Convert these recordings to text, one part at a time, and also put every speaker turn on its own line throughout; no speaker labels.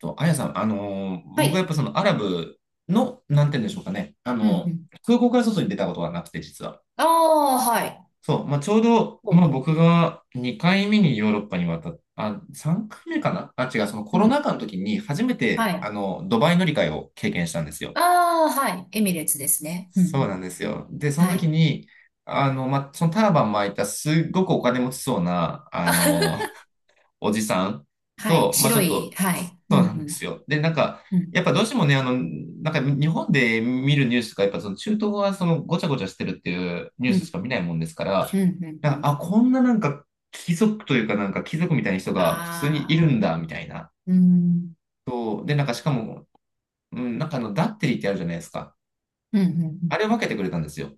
と、あやさん、
は
僕はやっ
い。
ぱそのアラブの、なんて言うんでしょうかね、あ
うんう
の
ん。
空港から外に出たことがなくて、実は。
ああ、はい。
そう、まあ、ちょうど、
ほう
まあ、
ほ
僕が2回目にヨーロッパに渡っあ、3回目かなあ、違う、そのコ
う。う
ロ
ん。
ナ禍の時に初め
は
て、あ
い。
の、ドバイ乗り換えを経験したんですよ。
ああ、はい。エミレーツですね。うんう
そうな
ん。
んですよ。で、その
は
時
い。
に、あの、まあ、そのターバン巻いたすっごくお金持ちそうな、あ
あ
の、おじさん
はい。
と、まあち
白
ょっ
い。
と、
はい。う
そうなんで
ん
すよ。で、なんか、
うん。う
や
ん。
っぱどうしてもね、あの、なんか日本で見るニュースとか、やっぱその中東はそのごちゃごちゃしてるっていうニュー
う
スし
ん。
か見ないもんですから、
うん。うん
な
う
んか、
ん。
あ、こんななんか貴族というかなんか貴族みたいな人が普通にいる
あ
ん
あ。
だ、みたいな。
うん。
そう。で、なんかしかも、うん、なんかあの、ダッテリーってあるじゃないですか。
うん。うんうん。
あれを分けてくれたんですよ。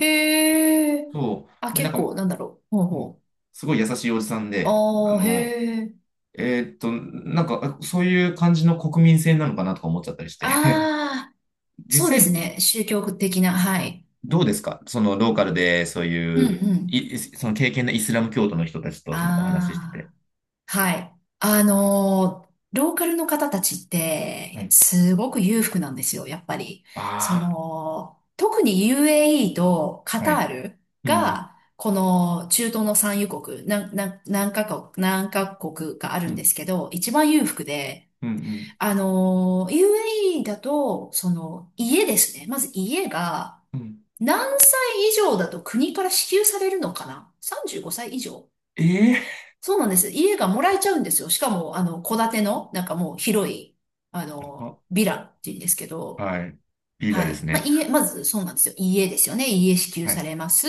へえ。
そ
あ、
う。で、なん
結
か、
構、なんだろう。ほう
うん
ほ
すごい優しいおじさん
う。
で、あ
ああ、
の、
へえ。
なんか、そういう感じの国民性なのかなとか思っちゃったりして。
ああ、そう
実
です
際、
ね。宗教的な。はい。
どうですかそのローカルで、そう
う
い
ん
う、
うん。
い、その経験のイスラム教徒の人たちとそのお話ししてて。
ああ。はい。ローカルの方たちっ
は
て、
い。
すごく裕福なんですよ、やっぱり。そ
あ
の、特に UAE とカ
あ、は
タ
い。
ール
うん、うん、
が、この中東の産油国、なんなん何カ国かあ
う
るんで
ん、
すけど、一番裕福で、
うん、うん。
あのー UAE だと、その、家ですね。まず家が、
うん
何歳以上だと国から支給されるのかな？ 35 歳以上。
ええ
そうなんです。家がもらえちゃうんですよ。しかも、戸建ての、なんかもう広い、
ー、
ヴィラっていうんですけ
あ
ど、
はい。リーダー
は
です
い。まあ、
ね。
家、まずそうなんですよ。家ですよね。家支給
は
さ
い、
れます。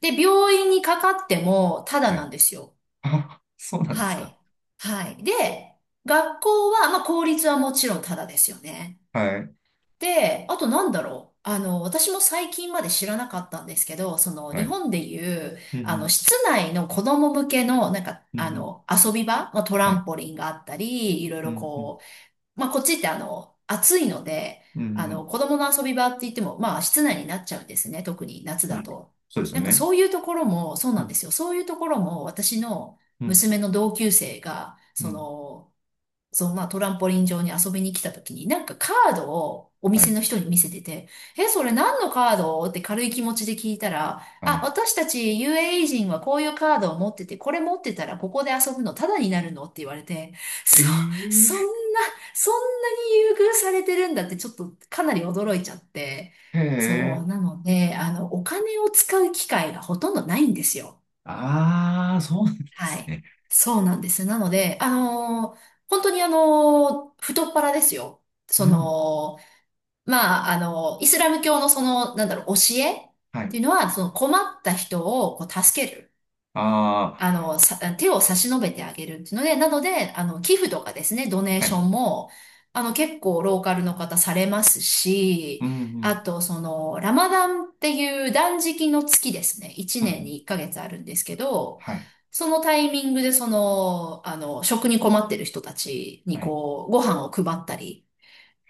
で、病院にかかっても、ただ
は
な
い。
んですよ。
あ、そうなんです
は
か。
い。はい。で、学校は、まあ、公立はもちろんただですよね。
はい、
で、あとなんだろう。私も最近まで知らなかったんですけど、その
は
日
い。
本でいう、
うん、うん、
室内の子供向けの、
うんうん
遊び場、まあ、トラ
は
ン
い。
ポリンがあったり、いろい
う
ろ
ん、うん、
こう、まあ、こっちって暑いので、
うん、うん。
子供の遊び場って言っても、まあ、室内になっちゃうんですね。特に夏
う
だ
ん
と。
そうですよ
なんか
ね。
そういうところも、そう
う
なんで
ん、
すよ。そういうところも、私の
うん、
娘の同級生が、
う
そ
ん。
の、まあトランポリン上に遊びに来た時に、なんかカードをお
は
店
い、
の人に見せてて、え、それ何のカードって軽い気持ちで聞いたら、
は
あ、
い。
私たち UAE 人はこういうカードを持ってて、これ持ってたらここで遊ぶのタダになるのって言われて、そ、
え
そんな、そんなに優遇されてるんだってちょっとかなり驚いちゃって、
えへ
そう、な
え。
ので、あの、お金を使う機会がほとんどないんですよ。
ああ、そうなんで
は
す
い。
ね。
そうなんです。なので、本当に太っ腹ですよ。そ
うん。
の、まあ、イスラム教のその、なんだろう、教えっ
はい。
ていうのは、その困った人をこう助ける。
ああ、
手を差し伸べてあげるっていうので、なので、あの、寄付とかですね、ドネー
は
ショ
い。
ンも、あの、結構ローカルの方されます
う
し、
んう
あ
ん。
と、その、ラマダンっていう断食の月ですね、1
うんう
年
ん。
に1ヶ月あるんですけど、
はい。
そのタイミングで、食に困ってる人たちに、
はい。
こう、ご飯を配ったり、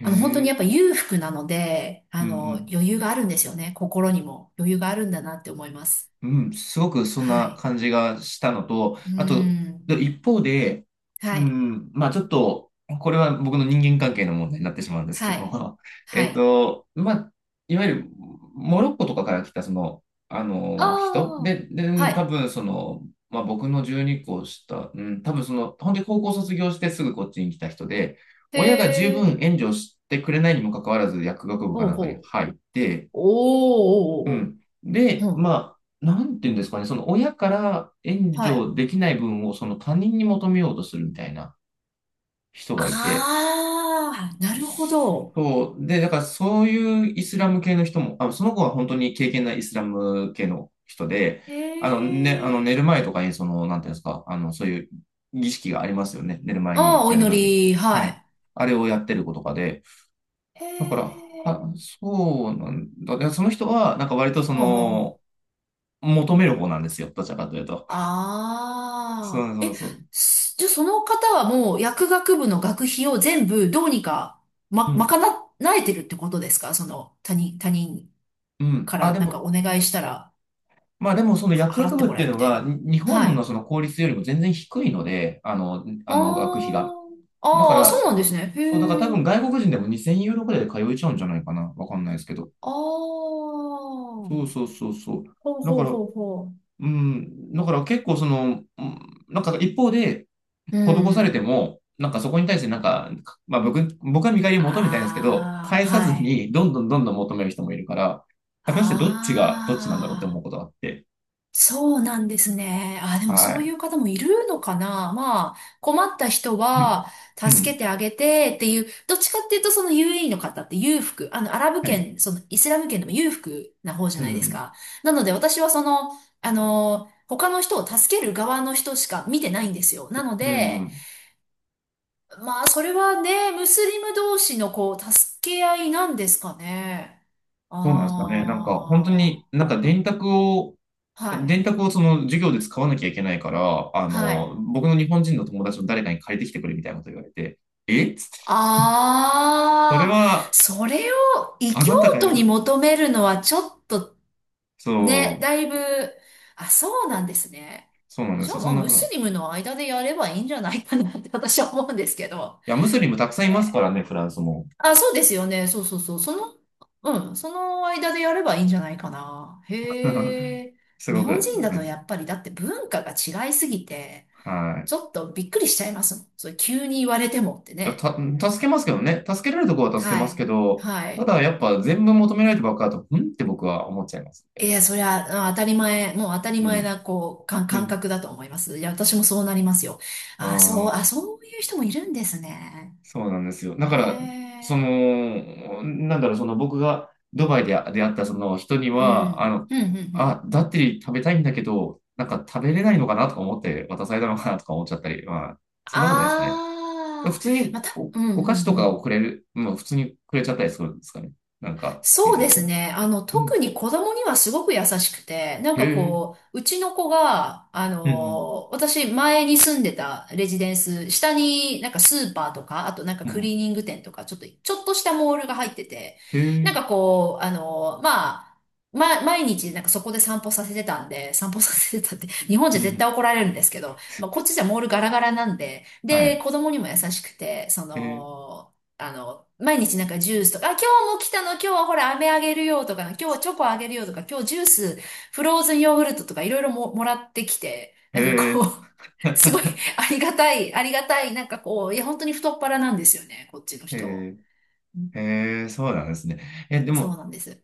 へ
あの、本当にや
え。
っぱ裕福なので、あ
うんう
の、
ん。
余裕があるんですよね、心にも余裕があるんだなって思います。
うん、すごくそん
は
な
い。
感じがしたのと、
うー
あと、
ん。
で一方で、う
はい。
ん、まあちょっと、これは僕の人間関係の問題になってしまうんですけ
はい。
ど、
はい。
まあ、いわゆるモロッコとかから来たその、あ
あ
の、人
あ、
で、で、多
は
分その、まあ僕の12個下、うん、多分その、本当に高校卒業してすぐこっちに来た人で、
い。へ
親が十分
え、
援助してくれないにもかかわらず薬学部か
ほう
なんかに
ほう。
入って、う
おーおーお
ん。
ーおー、
で、
うん。
まあ、なんていうんですかね、その親から援
はい。
助できない分をその他人に求めようとするみたいな人がいて、
ああ、なるほど。
そう、で、だからそういうイスラム系の人も、あ、その子は本当に経験ないイスラム系の人で、
へ
あの、ね、あの寝
え、
る前とかに、その、なんていうんですか、あの、そういう儀式がありますよね。寝る前
あ
に
あ、お
やる
祈
ルーティン。
り、
は
は
い。
い。
あれをやってる子とかで、
へ
だから、は、
え、
そうなんだ。でその人は、なんか割とそ
ほうほうほ
の、
う。
求める方なんですよ。どちらかというと。そ
あ
う
あ、
そう
え、
そう。
じゃあその方はもう薬学部の学費を全部どうにか、
う
ま、
ん。
賄えてるってことですか？その、他人
うん。
か
あ、
ら
で
なんか
も、
お願いしたら。
まあでもその
は
薬
払
学
って
部っ
も
て
らえ
い
る
う
み
の
たいな。
が、に日
は
本のそ
い。
の公立よりも全然低いので、あの、
あ
あの、学費が。
ー
だか
あー、そ
ら、
うなんですね。
そう、だから多
へえ。
分外国人でも2000ユーロくらいで通えちゃうんじゃないかな。わかんないですけど。
ああ。ほ
そうそうそうそう。
うほ
だか
う
ら、
ほうほ
うん、だから結構その、うんなんか一方で、
う。う
施されて
ん。
も、なんかそこに対してなんか、まあ僕は見返りを求めたいんですけど、
ああ、
返さず
はい。
にどんどんどんどん求める人もいるから、果たしてどっちがどっちなんだろうって
あ
思うこ
あ。
とがあって。
そうなんですね。あ、でも
は
そうい
い。
う方もいるのかな。まあ、困った人
うん。
は
う
助け
ん。
てあげてっていう、どっちかっていうとそのUAE の方って裕福、あの、アラブ
はい。
圏、そのイスラム圏でも裕福な方じ
う
ゃないです
ん。
か。なので私はその、あの、他の人を助ける側の人しか見てないんですよ。なの
う
で、
ん。
まあ、それはね、ムスリム同士のこう、助け合いなんですかね。
そうなんですかね。なんか本当
あ
になんか電卓を、
あ、はい、
電卓をその授業で使わなきゃいけないから、あ
は
の、
い。
僕の日本人の友達の誰かに借りてきてくれみたいなこと言われて、えっつって。それ
ああ、
は、
それを異
あ
教
なたがや
徒
るこ
に
と。
求めるのはちょっと
そ
ね、
う、
だいぶ、あ、そうなんですね。
そうなんで
じ
す
ゃあ
よ。そ
まあ
んな
ム
こと
ス
は。
リムの間でやればいいんじゃないかなって私は思うんですけど。
いや、ムスリムたくさんいます
え
から
ー
ね、フランスも。
あ、そうですよね。そうそうそう。その、うん、その間でやればいいんじゃないかな。へ え。
す
日
ごく。
本人だ
は
と
い。
やっぱりだって文化が違いすぎて、
はい。
ちょっとびっくりしちゃいますもん。それ急に言われてもって
いや、
ね。
助けますけどね。助けられるところは助け
は
ますけ
い。
ど、
は
た
い。
だやっぱ全部求められてばっかだと、うんって僕は思っちゃいますね。
いや、そりゃ、当たり前、もう当たり
う
前
ん。
な、
う
感
ん。
覚だと思います。いや、私もそうなりますよ。
あ
あ、そう、あ、そういう人もいるんですね。
そうなんですよ。だか
へ
ら、そ
え。
の、なんだろう、その僕がドバイで出会ったその人に
う
は、あ
ん。
の、
うん、うん、う
あ、
ん。
ダッテリー食べたいんだけど、なんか食べれないのかなとか思って渡されたのかなとか思っちゃったり、まあ、そんなことないですかね。
あ
普
あ、
通に
また、
お、
う
お
ん、
菓
う
子
ん、
と
う
かをく
ん。
れる、まあ普通にくれちゃったりするんですかね。なんか、メ
そう
ジャー
で
的
す
に。
ね。あの、
うん、
特に子供にはすごく優しくて、なん
へ
か
え、
こう、うちの子が、あ
うん、
の、私前に住んでたレジデンス、下になんかスーパーとか、あとなんか
う
クリー
ん、
ニング店とか、ちょっとしたモールが入ってて、
へ
なん
え、
かこう、毎日なんかそこで散歩させてたんで、散歩させてたって、日本じ
う
ゃ絶対
ん、
怒られるんですけど、まあ、こっちじゃモールガラガラなんで、
は
で、
い、
子供にも優しくて、
へえ、
毎日なんかジュースとか、あ、今日も来たの、今日はほら、飴あげるよとか、今日はチョコあげるよとか、今日ジュース、フローズンヨーグルトとかいろいろも、もらってきて、
へ
なんかこ
え、
う、すごいありがたい、ありがたい、なんかこう、いや、本当に太っ腹なんですよね、こっちの人。
へ
うん、
え、へえ、そうなんですね。え、で
そう
も、
なんです。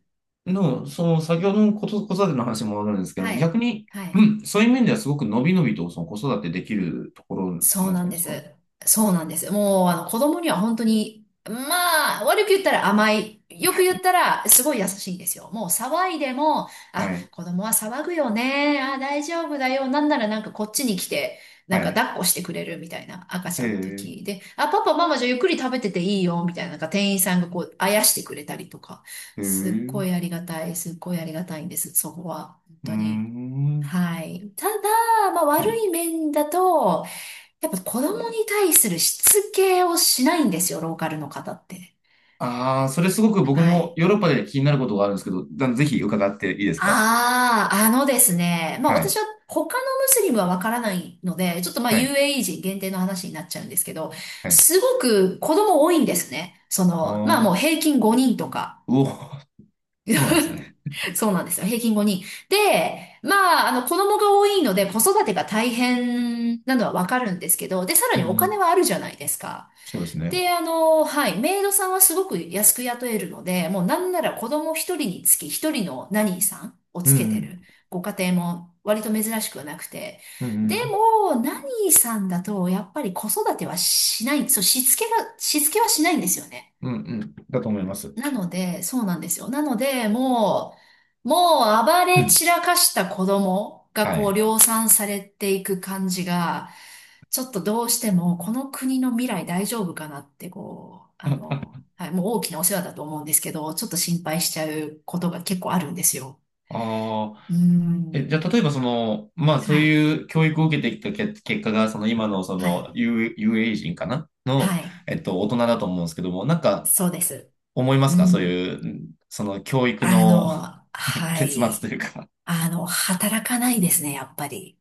の、その先ほどのこと子育ての話に戻るんですけど、
は
逆
い。
に、
は
う
い。
んそういう面ではすごく伸び伸びとその子育てできるところ
そ
な
う
んじゃ
な
な
ん
いで
で
す
す。
か。
そうなんです。もう、あの、子供には本当に、まあ、悪く言ったら甘い。よく言ったら、すごい優しいんですよ。もう騒いでも、
は
あ、
い。
子供は騒ぐよね。あ、大丈夫だよ。なんならなんかこっちに来て、
は
なんか
い。
抱っこしてくれるみたいな。赤ち
へ
ゃんの
え、
時で、あ、パパ、ママじゃあゆっくり食べてていいよ。みたいな、なんか店員さんがこう、あやしてくれたりとか。
へえ、
すっ
う
ごいありがたい。すっごいありがたいんです。そこは。本
ー
当に。
ん。
はい。ただ、まあ
は
悪
い。
い面だと、やっぱ子供に対するしつけをしないんですよ、ローカルの方って。
ああ、それすごく僕
は
も
い。
ヨーロッパで気になることがあるんですけど、だぜひ伺っていいですか。
ああ、あのですね。まあ
はい。
私は他のムスリムはわからないので、ちょっとまあ
はい。
UAE 人限定の話になっちゃうんですけど、
はい。
すごく子供多いんですね。そ
あ
の、まあ
あ、
もう
う
平均5人とか。
お、そうなんですね。
そうなんですよ。平均5人。で、まあ、あの、子供が多いので子育てが大変なのはわかるんですけど、で、さら
うん
にお
う
金
ん。
はあるじゃないですか。
そうですね。
で、あの、はい、メイドさんはすごく安く雇えるので、もうなんなら子供一人につき一人のナニーさんを
う
つけて
ん
るご家庭も割と珍しくはなくて、
うん。うんう
で
ん。
も、ナニーさんだとやっぱり子育てはしない、しつけはしないんですよね。
うんうん。だと思います。
なので、そうなんですよ。なので、もう暴
う
れ
ん。
散らかした子供が
は
こう
い。
量産されていく感じが、ちょっとどうしてもこの国の未来大丈夫かなって、こう、あ
あ
の、はい、もう大きなお世話だと思うんですけど、ちょっと心配しちゃうことが結構あるんですよ。
あー。
うー
え、じ
ん。
ゃあ、例えばその、まあそ
は
う
い。
いう教育を受けてきたけ結果が、その今のそ
は
の
い。
UA 人かなの、
はい。
大人だと思うんですけども、なんか
そうです。
思いま
う
すかそう
ん。
いう、んその教育
あ
の
の、は
結末
い。
というか
あの、働かないですね、やっぱり。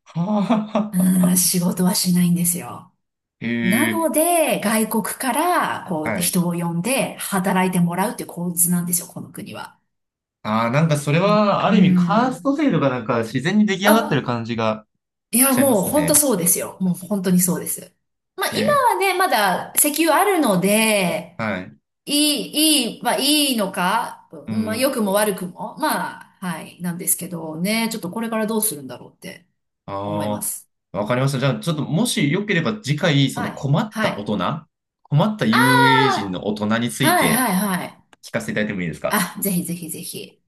う
は
ん、仕事はしないんですよ。
ぁ
な
へ
の
え
で、外国から、こう、
はい。
人を呼んで働いてもらうっていう構図なんですよ、この国は。
ああ、なんかそれ
うん。
は、あ
う
る意味、カースト
ん、
制度がなんか自然に出来上がってる
あ、
感じが
い
し
や、
ちゃいま
もう
す
本当
ね。
そうですよ。もう本当にそうです。まあ、
え
今
ー
はね、まだ石油あるので、
はい。
いいいのか、
う
まあ、良
ん。
くも悪くも、まあ、はい、なんですけどね、ちょっとこれからどうするんだろうって思いま
あ
す。
あ、わかりました。じゃあ、ちょっともしよければ次回、そ
は
の
い、
困っ
は
た大
い。
人、困った
あ
遊泳人の大人につ
あ、
い
はい、は
て
い、はい。
聞かせていただいてもいいですか
あ、ぜひぜひぜひ。